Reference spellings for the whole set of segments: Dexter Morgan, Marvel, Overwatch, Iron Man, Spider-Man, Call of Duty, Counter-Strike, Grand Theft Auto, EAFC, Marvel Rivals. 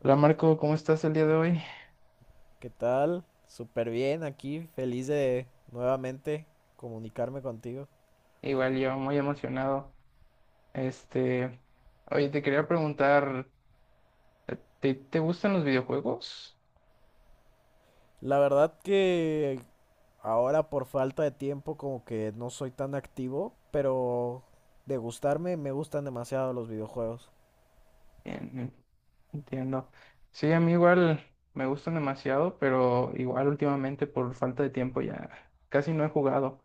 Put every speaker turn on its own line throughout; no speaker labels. Hola Marco, ¿cómo estás el día de hoy?
¿Qué tal? Súper bien aquí, feliz de nuevamente comunicarme contigo.
Igual yo, muy emocionado. Este, oye, te quería preguntar, ¿Te gustan los videojuegos?
La verdad que ahora por falta de tiempo como que no soy tan activo, pero de gustarme me gustan demasiado los videojuegos.
Bien, entiendo. Sí, a mí igual me gustan demasiado, pero igual últimamente por falta de tiempo ya casi no he jugado.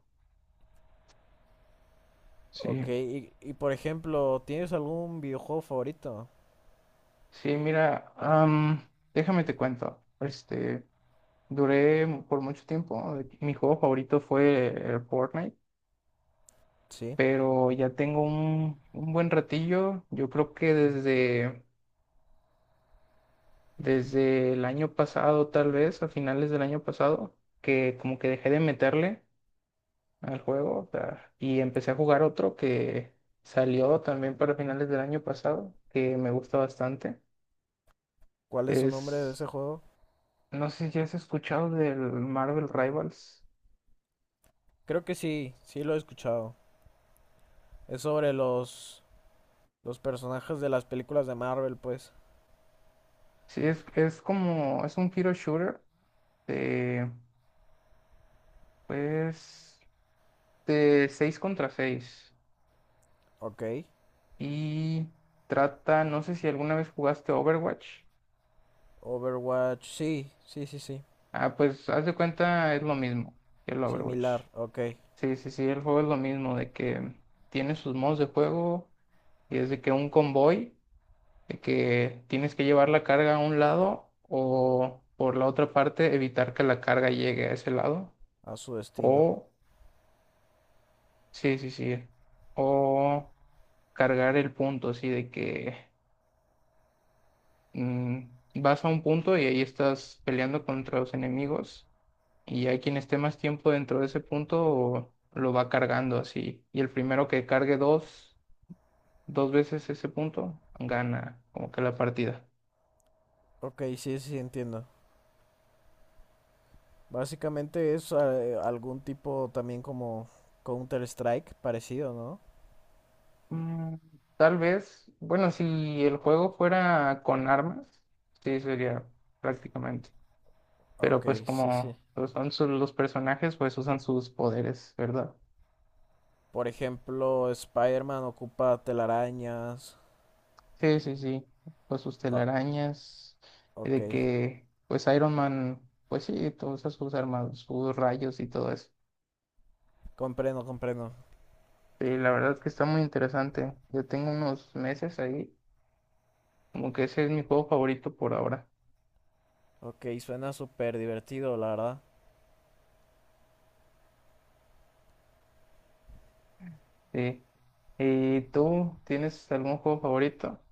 Sí,
Ok, y por ejemplo, ¿tienes algún videojuego favorito?
sí, mira, déjame te cuento. Por mucho tiempo, mi juego favorito fue el Fortnite,
Sí.
pero ya tengo un buen ratillo. Yo creo que desde el año pasado, tal vez, a finales del año pasado, que como que dejé de meterle al juego, o sea, y empecé a jugar otro que salió también para finales del año pasado, que me gusta bastante.
¿Cuál es su nombre de
Es,
ese juego?
no sé si has escuchado del Marvel Rivals.
Creo que sí, sí lo he escuchado. Es sobre los personajes de las películas de Marvel, pues.
Sí, es como, es un hero shooter de, pues, de 6 contra seis.
Ok.
Y trata, no sé si alguna vez jugaste Overwatch.
Overwatch, sí, sí, sí, sí.
Ah, pues haz de cuenta, es lo mismo que el Overwatch.
Similar, ok,
Sí, sí, sí, el juego es lo mismo, de que tiene sus modos de juego y es de que tienes que llevar la carga a un lado o por la otra parte evitar que la carga llegue a ese lado.
a su destino.
O, sí, sí, sí, o cargar el punto, así de que mm, vas a un punto y ahí estás peleando contra los enemigos, y hay quien esté más tiempo dentro de ese punto lo va cargando así. Y el primero que cargue dos veces ese punto, gana como que la partida.
Ok, sí, sí, entiendo. Básicamente es algún tipo también como Counter-Strike parecido, ¿no?
Mm, tal vez, bueno, si el juego fuera con armas, sí sería prácticamente. Pero pues
Ok, sí, sí.
como pues, los personajes pues usan sus poderes, ¿verdad?
Por ejemplo, Spider-Man ocupa telarañas.
Sí, sí, sí. Pues sus
Ah,
telarañas,
ok,
de que pues Iron Man, pues sí, todas sus armas, sus rayos y todo eso.
comprendo, comprendo.
Sí, la verdad es que está muy interesante. Yo tengo unos meses ahí, como que ese es mi juego favorito por ahora.
Ok, suena súper divertido, la verdad.
Sí. ¿Y tú tienes algún juego favorito?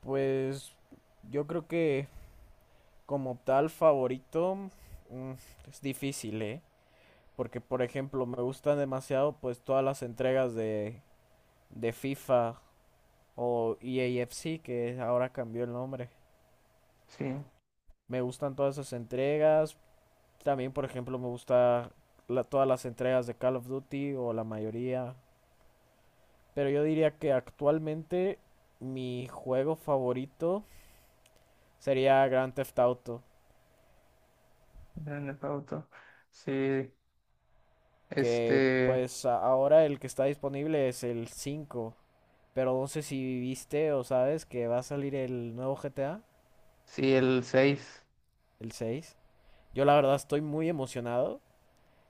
Pues yo creo que como tal favorito mm, es difícil, ¿eh? Porque, por ejemplo, me gustan demasiado pues todas las entregas de FIFA o EAFC, que ahora cambió el nombre.
Sí,
Me gustan todas esas entregas. También, por ejemplo, me gusta todas las entregas de Call of Duty o la mayoría. Pero yo diría que actualmente mi juego favorito sería Grand Theft Auto,
Grand Theft Auto. Sí,
que
este,
pues ahora el que está disponible es el cinco. Pero no sé si viste o sabes que va a salir el nuevo GTA,
sí, el 6.
¿el 6? Yo la verdad estoy muy emocionado,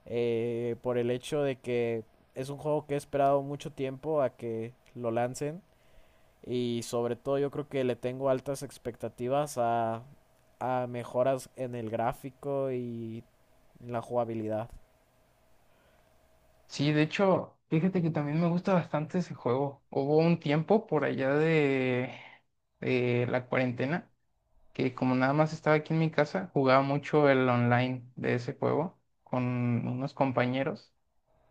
por el hecho de que es un juego que he esperado mucho tiempo a que lo lancen, y sobre todo yo creo que le tengo altas expectativas a mejoras en el gráfico y en la jugabilidad.
Sí, de hecho, fíjate que también me gusta bastante ese juego. Hubo un tiempo por allá de la cuarentena que, como nada más estaba aquí en mi casa, jugaba mucho el online de ese juego con unos compañeros.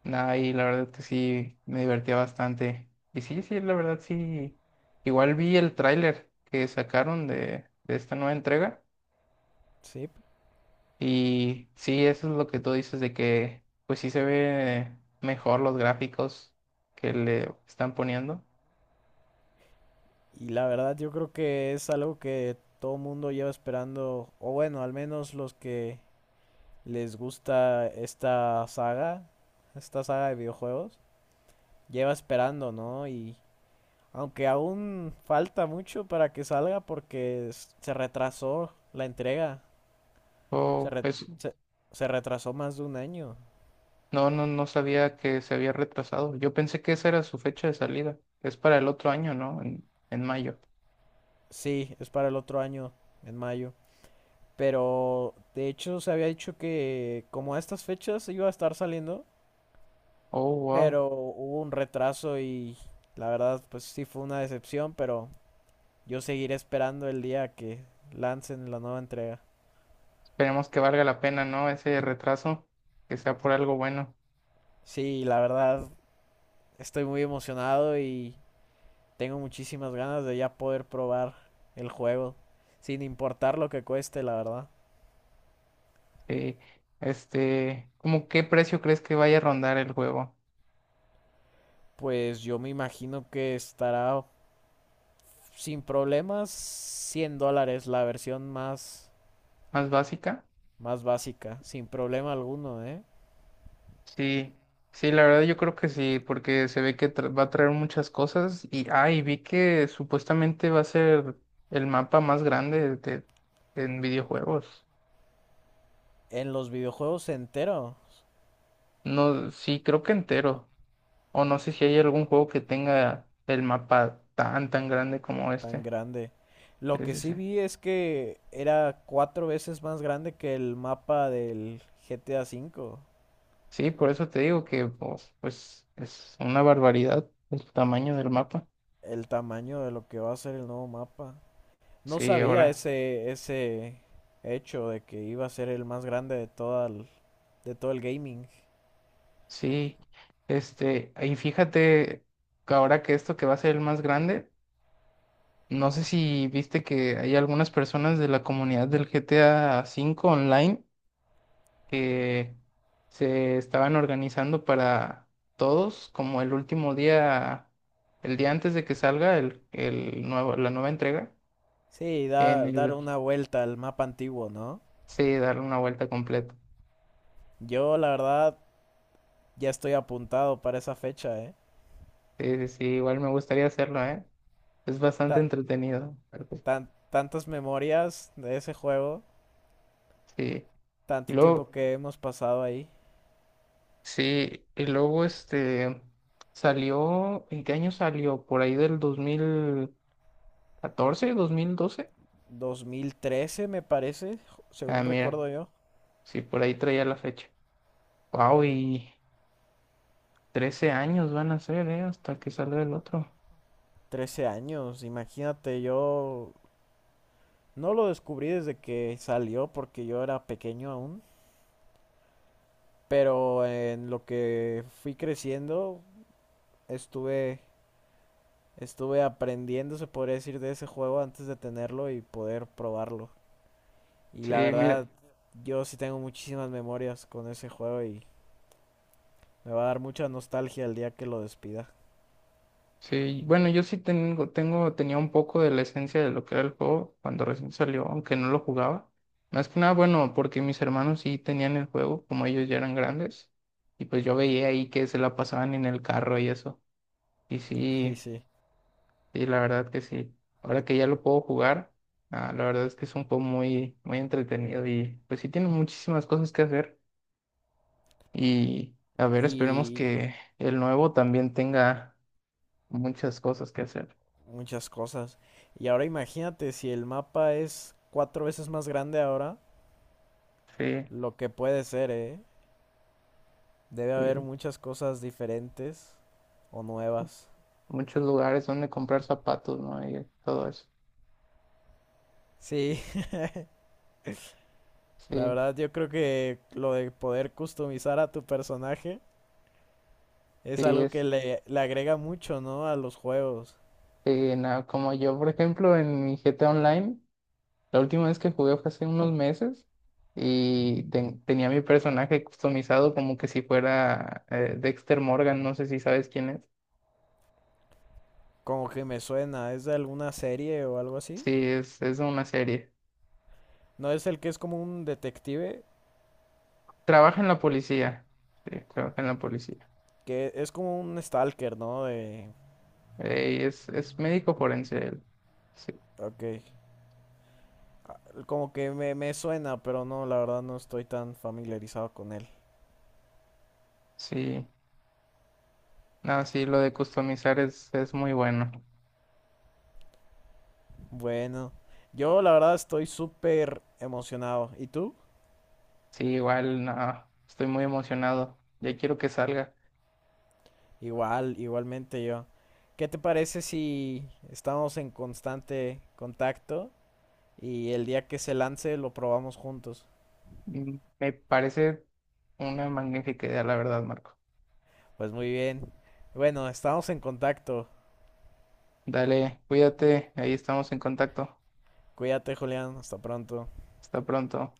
Nah, y la verdad que sí, me divertía bastante. Y sí, sí, la verdad sí. Igual vi el tráiler que sacaron de esta nueva entrega.
Sí,
Y sí, eso es lo que tú dices de que pues sí se ve mejor los gráficos que le están poniendo.
y la verdad yo creo que es algo que todo mundo lleva esperando, o bueno, al menos los que les gusta esta saga de videojuegos, lleva esperando, ¿no? Y aunque aún falta mucho para que salga porque se retrasó la entrega. Se,
O
re-
pues,
se- se retrasó más de un año.
no, no, no sabía que se había retrasado. Yo pensé que esa era su fecha de salida. Es para el otro año, ¿no? En mayo.
Sí, es para el otro año, en mayo. Pero de hecho se había dicho que como a estas fechas iba a estar saliendo,
Oh, wow.
pero hubo un retraso y la verdad pues sí fue una decepción, pero yo seguiré esperando el día que lancen la nueva entrega.
Esperemos que valga la pena, ¿no? Ese retraso, que sea por algo bueno.
Sí, la verdad estoy muy emocionado y... Tengo muchísimas ganas de ya poder probar el juego, sin importar lo que cueste, la verdad.
Eh, ¿Cómo qué precio crees que vaya a rondar el juego?
Pues yo me imagino que estará sin problemas 100 dólares la versión más,
¿Más básica?
más básica, sin problema alguno, ¿eh?
Sí, sí, la verdad yo creo que sí, porque se ve que va a traer muchas cosas, y ah, y vi que supuestamente va a ser el mapa más grande en videojuegos.
En los videojuegos enteros,
No, sí, creo que entero. O no sé si hay algún juego que tenga el mapa tan grande como
tan
este.
grande. Lo
Sí,
que
sí,
sí
sí.
vi es que era cuatro veces más grande que el mapa del GTA cinco.
Sí, por eso te digo que pues, pues es una barbaridad el tamaño del mapa.
El tamaño de lo que va a ser el nuevo mapa. No
Sí,
sabía
ahora,
ese hecho de que iba a ser el más grande de toda de todo el gaming.
sí, y fíjate que ahora que esto que va a ser el más grande, no sé si viste que hay algunas personas de la comunidad del GTA 5 online que se estaban organizando para todos, como el último día, el día antes de que salga el nuevo, la nueva entrega,
Sí,
en
dar
el,
una vuelta al mapa antiguo, ¿no?
sí, darle una vuelta completa.
Yo, la verdad, ya estoy apuntado para esa fecha, ¿eh?
Sí, sí, sí, igual me gustaría hacerlo, ¿eh? Es bastante
Ta-
entretenido, pero pues
tantas memorias de ese juego,
sí. Y
tanto tiempo
luego...
que hemos pasado ahí.
Sí, y luego este salió, ¿en qué año salió? ¿Por ahí del 2014, 2012?
2013, me parece,
Ah,
según
mira,
recuerdo yo.
sí, por ahí traía la fecha. Wow, y 13 años van a ser, ¿eh? Hasta que salga el otro.
13 años, imagínate, yo no lo descubrí desde que salió porque yo era pequeño aún. Pero en lo que fui creciendo, estuve, estuve aprendiendo, se podría decir, de ese juego antes de tenerlo y poder probarlo. Y la
Sí, mira,
verdad, yo sí tengo muchísimas memorias con ese juego y me va a dar mucha nostalgia el día que lo despida.
sí, bueno, yo sí tenía un poco de la esencia de lo que era el juego cuando recién salió, aunque no lo jugaba. Más que nada, bueno, porque mis hermanos sí tenían el juego, como ellos ya eran grandes, y pues yo veía ahí que se la pasaban en el carro y eso. Y
Sí,
sí,
sí.
sí, la verdad que sí. Ahora que ya lo puedo jugar, ah, la verdad es que es un juego muy, muy entretenido y pues sí tiene muchísimas cosas que hacer. Y a ver, esperemos
Y
que el nuevo también tenga muchas cosas que hacer.
muchas cosas. Y ahora imagínate, si el mapa es cuatro veces más grande ahora,
Sí,
lo que puede ser, ¿eh? Debe haber
y
muchas cosas diferentes o nuevas.
muchos lugares donde comprar zapatos, ¿no? Y todo eso.
Sí. La
Sí,
verdad, yo creo que lo de poder customizar a tu personaje
sí,
es algo que le agrega mucho, ¿no? A los juegos.
sí, nada, como yo, por ejemplo, en mi GTA Online. La última vez que jugué fue hace unos meses y tenía mi personaje customizado como que si fuera Dexter Morgan, no sé si sabes quién es.
Como que me suena, ¿es de alguna serie o algo así?
Sí, es una serie.
No, es el que es como un detective,
Trabaja en la policía. Sí, trabaja en la policía.
que es como un stalker, ¿no? De...
Y es médico forense él. Sí,
Ok. Como que me suena, pero no, la verdad no estoy tan familiarizado con él.
sí. No, sí, lo de customizar es muy bueno.
Bueno, yo la verdad estoy súper emocionado. ¿Y tú?
Sí, igual, no, estoy muy emocionado. Ya quiero que salga.
Igual, igualmente yo. ¿Qué te parece si estamos en constante contacto y el día que se lance lo probamos juntos?
Mm, me parece una magnífica idea, la verdad, Marco.
Pues muy bien. Bueno, estamos en contacto.
Dale, cuídate, ahí estamos en contacto.
Cuídate, Julián. Hasta pronto.
Hasta pronto.